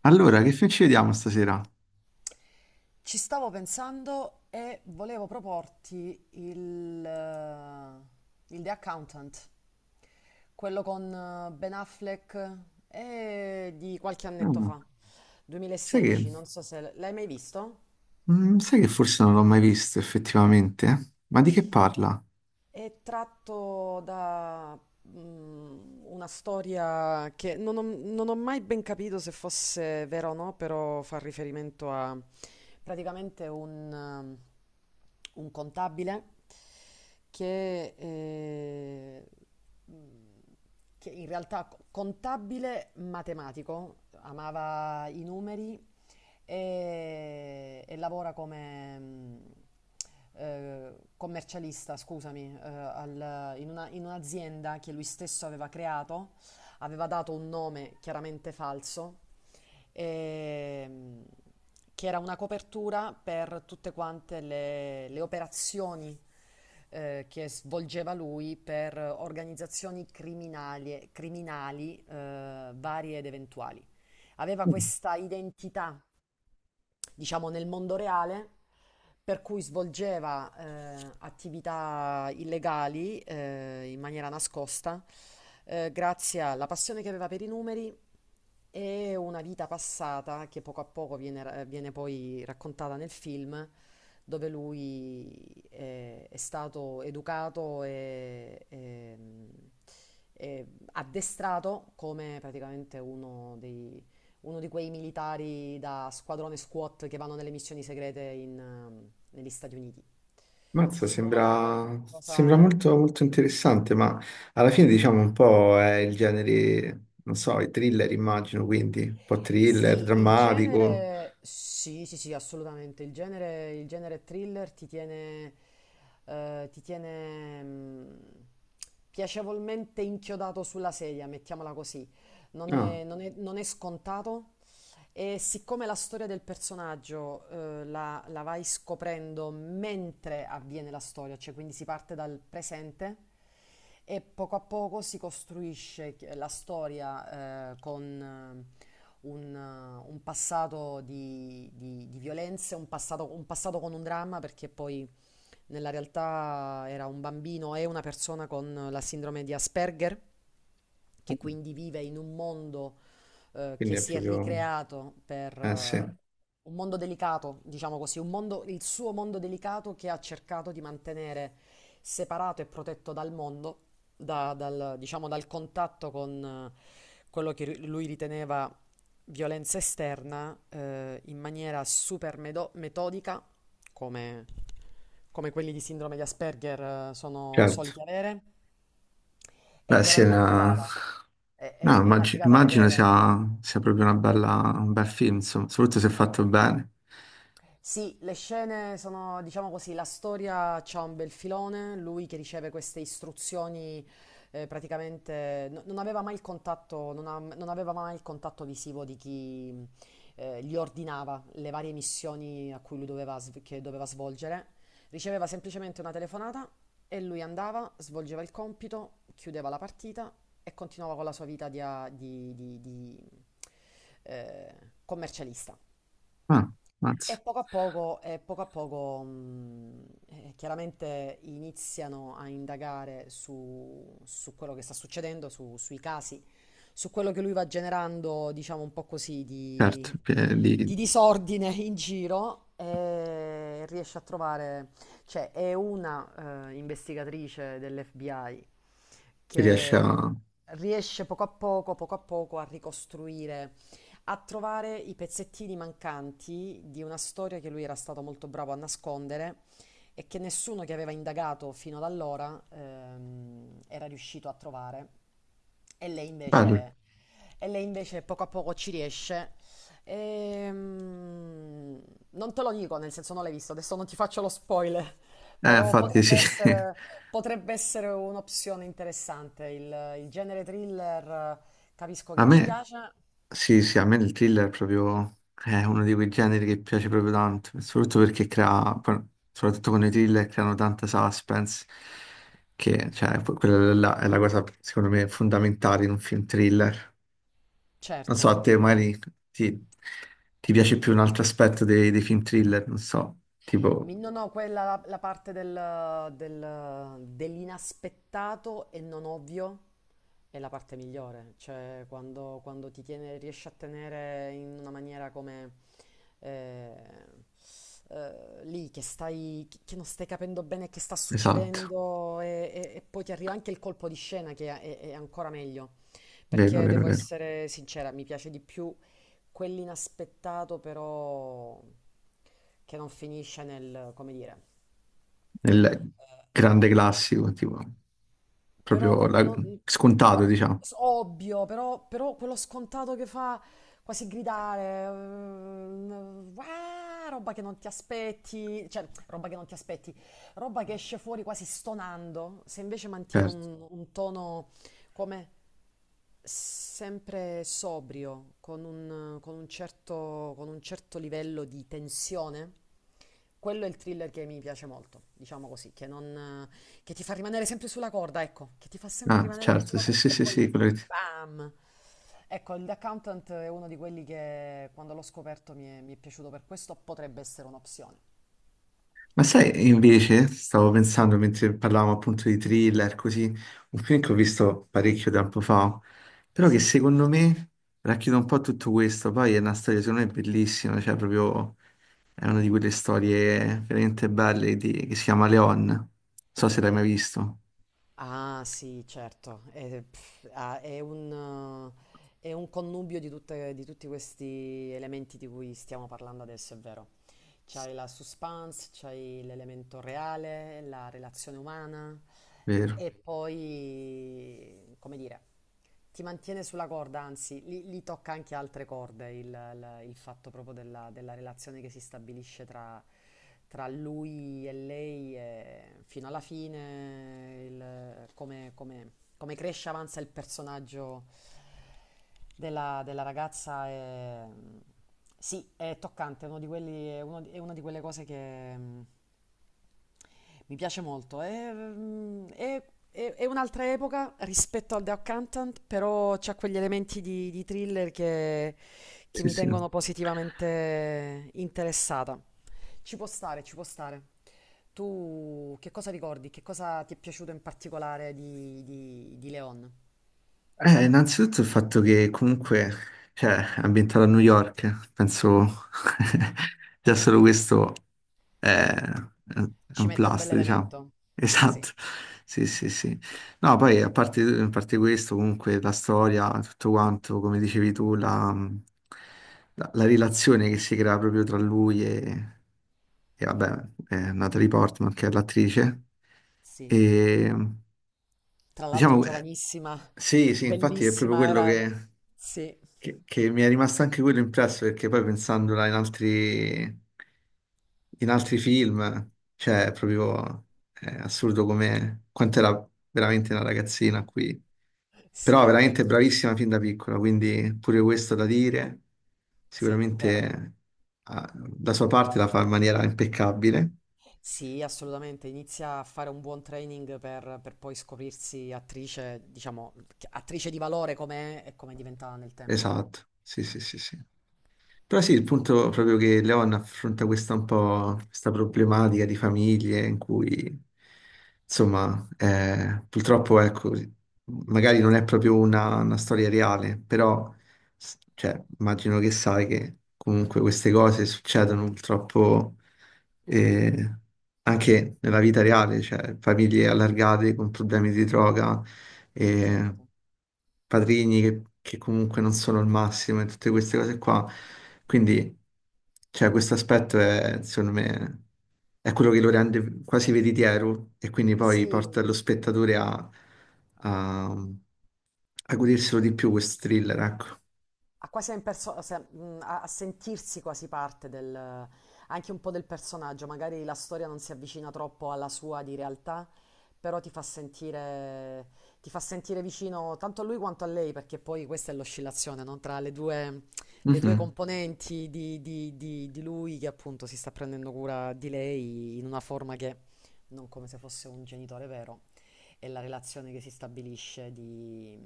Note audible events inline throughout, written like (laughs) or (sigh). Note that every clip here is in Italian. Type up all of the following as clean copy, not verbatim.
Allora, che film ci vediamo stasera? Ci stavo pensando e volevo proporti il The Accountant, quello con Ben Affleck e di qualche annetto fa, Ah, sai che, 2016. Non so se l'hai mai visto? Sai che forse non l'ho mai visto effettivamente? Ma di che parla? È tratto da una storia che non ho mai ben capito se fosse vera o no, però fa riferimento a praticamente un un contabile che eh, che in realtà contabile matematico, amava i numeri e lavora come commercialista, scusami, in un'azienda che lui stesso aveva creato, aveva dato un nome chiaramente falso, ehm, che era una copertura per tutte quante le operazioni che svolgeva lui per organizzazioni criminali, criminali varie ed eventuali. Aveva Mm. questa identità, diciamo, nel mondo reale, per cui svolgeva attività illegali in maniera nascosta, grazie alla passione che aveva per i numeri e una vita passata che poco a poco viene poi raccontata nel film, dove è stato educato e addestrato come praticamente uno di quei militari da squadrone SWAT che vanno nelle missioni segrete in, negli Stati Uniti. Ti Mazza, suona sembra qualcosa? molto, molto interessante, ma alla fine diciamo un po' è il genere, non so, i thriller immagino, quindi un po' thriller, Sì, il drammatico. genere, sì, sì, sì, assolutamente. Il genere thriller ti tiene piacevolmente inchiodato sulla sedia, mettiamola così. Ah, Non è scontato. E siccome la storia del personaggio, la vai scoprendo mentre avviene la storia, cioè quindi si parte dal presente e poco a poco si costruisce la storia, con un passato di violenze, un passato con un dramma, perché poi nella realtà era un bambino e una persona con la sindrome di Asperger, che quindi vive in un mondo quindi che è si è proprio. ricreato per, Eh sì, un mondo delicato, diciamo così, un mondo, il suo mondo delicato che ha cercato di mantenere separato e protetto dal mondo, dal, diciamo, dal contatto con quello che lui riteneva violenza esterna, in maniera super metodica, come, come quelli di sindrome di Asperger, sono certo. soliti avere, e Beh però sì, è una figata, no, è una figata immagino vedere. sia proprio una bella, un bel film, insomma, soprattutto se fatto bene. Sì, le scene sono, diciamo così, la storia c'ha un bel filone, lui che riceve queste istruzioni, praticamente non aveva mai il contatto, non aveva mai il contatto visivo di chi gli ordinava le varie missioni a cui lui che doveva svolgere. Riceveva semplicemente una telefonata e lui andava, svolgeva il compito, chiudeva la partita e continuava con la sua vita di, eh, commercialista. Ah, E mazza, poco a poco, e poco a poco, chiaramente iniziano a indagare su quello che sta succedendo, sui casi, su quello che lui va generando, diciamo un po' così, certo, di disordine in giro e riesce a trovare, cioè è una investigatrice dell'FBI chi riesce che a. riesce poco a poco a ricostruire, a trovare i pezzettini mancanti di una storia che lui era stato molto bravo a nascondere e che nessuno che aveva indagato fino ad allora era riuscito a trovare. E lei Bello. invece, e lei invece poco a poco ci riesce. Ehm, Non te lo dico, nel senso non l'hai visto, adesso non ti faccio lo spoiler, (laughs) però Infatti sì, (laughs) potrebbe essere un'opzione interessante. Il genere thriller, eh, capisco a che ci me, piace. sì, sì, a me il thriller è uno di quei generi che piace proprio tanto, soprattutto soprattutto con i thriller creano tanta suspense, che, cioè, quella là è la cosa, secondo me, fondamentale in un film thriller. Non so, Certo, a te il... magari ti, ti piace più un altro aspetto dei film thriller, non so, tipo, No, no, quella la parte dell'inaspettato e non ovvio è la parte migliore, cioè quando, quando ti tiene, riesci a tenere in una maniera come, eh, lì che stai, che non stai capendo bene che sta esatto, succedendo e, e poi ti arriva anche il colpo di scena che è, è ancora meglio, vero, perché vero, devo vero. essere sincera, mi piace di più quell'inaspettato, però che non finisce nel, come dire, Nel grande classico, tipo, Però proprio no- la- no- mm, scontato, diciamo. s- ovvio, però, però quello scontato che fa quasi gridare, "Uah", roba che non ti aspetti, cioè roba che non ti aspetti, roba che esce fuori quasi stonando, se invece mantiene Certo. Un tono come sempre sobrio, con un certo livello di tensione, quello è il thriller che mi piace molto, diciamo così, che non che ti fa rimanere sempre sulla corda, ecco, che ti fa sempre Ah, rimanere certo, sulla sì, sì, corda e sì, poi sì, quello che ti- bam. Ecco, il The Accountant è uno di quelli che quando l'ho scoperto mi è piaciuto per questo, potrebbe essere un'opzione. Ma sai, invece, stavo pensando mentre parlavamo appunto di thriller, così, un film che ho visto parecchio tempo fa, però che Sì. secondo me racchiude un po' tutto questo, poi è una storia secondo me bellissima, cioè proprio è una di quelle storie veramente belle che si chiama Leon, non so se l'hai mai visto, Ah, sì, certo. È è un connubio di di tutti questi elementi di cui stiamo parlando adesso, è vero. C'hai la suspense, c'hai l'elemento reale, la relazione umana vero? e poi, come dire, ti mantiene sulla corda, anzi, lì, lì tocca anche altre corde il fatto proprio della relazione che si stabilisce tra, tra lui e lei e fino alla fine, come cresce e avanza il personaggio della ragazza è... Sì, è toccante, è uno di quelli, è una di quelle cose che mi piace molto. È, mm, è- È un'altra epoca rispetto al The Accountant, però c'ha quegli elementi di thriller che Sì, mi sì. tengono positivamente interessata. Ci può stare, ci può stare. Tu che cosa ricordi? Che cosa ti è piaciuto in particolare di Leon? Innanzitutto il fatto che comunque, cioè, è ambientato a New York, penso, (laughs) già solo Già. questo è Ci un mette un plus, diciamo. bell'elemento. (laughs) Sì, Esatto, sì, sì, sì. No, poi a parte questo, comunque la storia, tutto quanto, come dicevi tu, la relazione che si crea proprio tra lui e, vabbè, Natalie Portman, che è l'attrice, sì. e... Tra l'altro Diciamo, giovanissima, sì, sì, infatti è proprio bellissima, quello era... che, Sì, che- che mi è rimasto anche quello impresso, perché poi pensandola in altri film, cioè, è assurdo come quanto era veramente una ragazzina qui. sì, Però è veramente bravissima fin da piccola, quindi pure questo da dire, vero. sicuramente da sua parte la fa in maniera impeccabile. Sì, assolutamente, inizia a fare un buon training per poi scoprirsi attrice, diciamo, attrice di valore come è e come diventa nel tempo. Esatto, sì, sì, sì, sì. Però sì, il punto proprio che Leon affronta questa problematica di famiglie in cui, insomma, purtroppo, ecco, magari non è proprio una storia reale, però, cioè, immagino che sai che comunque queste cose succedono purtroppo, eh, anche nella vita reale, cioè, famiglie allargate con problemi di droga, eh, Certo. padrini che comunque non sono il massimo e tutte queste cose qua. Quindi, cioè, questo aspetto è, secondo me, è quello che lo rende quasi veritiero e quindi poi porta Sì, lo spettatore a, a goderselo di più questo thriller, ecco. a quasi a, a sentirsi quasi parte del, anche un po' del personaggio, magari la storia non si avvicina troppo alla sua di realtà, però ti fa sentire vicino tanto a lui quanto a lei, perché poi questa è l'oscillazione, no? Tra le due Mhm. componenti di lui che appunto si sta prendendo cura di lei in una forma che non, come se fosse un genitore vero, è la relazione che si stabilisce di,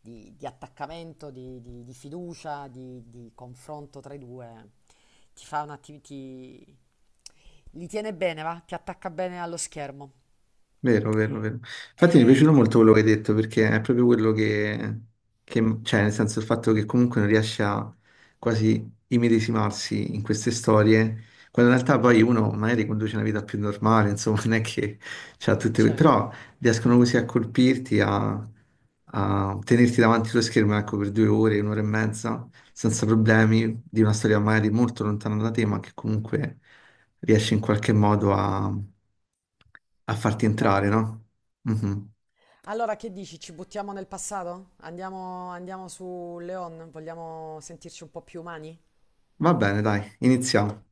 di attaccamento, di fiducia, di confronto tra i due, ti fa un attimo, ti... li tiene bene, va? Ti attacca bene allo schermo. Vero, vero, vero. Infatti mi è Eh, piaciuto molto quello che hai detto perché è proprio quello cioè nel senso il fatto che comunque non riesce a quasi immedesimarsi in queste storie, quando in realtà poi uno magari conduce una vita più normale, insomma, (laughs) non è che c'ha tutte Certo, però riescono così a colpirti, a tenerti davanti allo schermo ecco, per 2 ore, un'ora e mezza, senza problemi, di una storia magari molto lontana da te, ma che comunque riesci in qualche modo a a farti entrare, toccarti. no? Mhm. Allora, che dici? Ci buttiamo nel passato? Andiamo, andiamo su Leon? Vogliamo sentirci un po' più umani? Va bene, dai, iniziamo.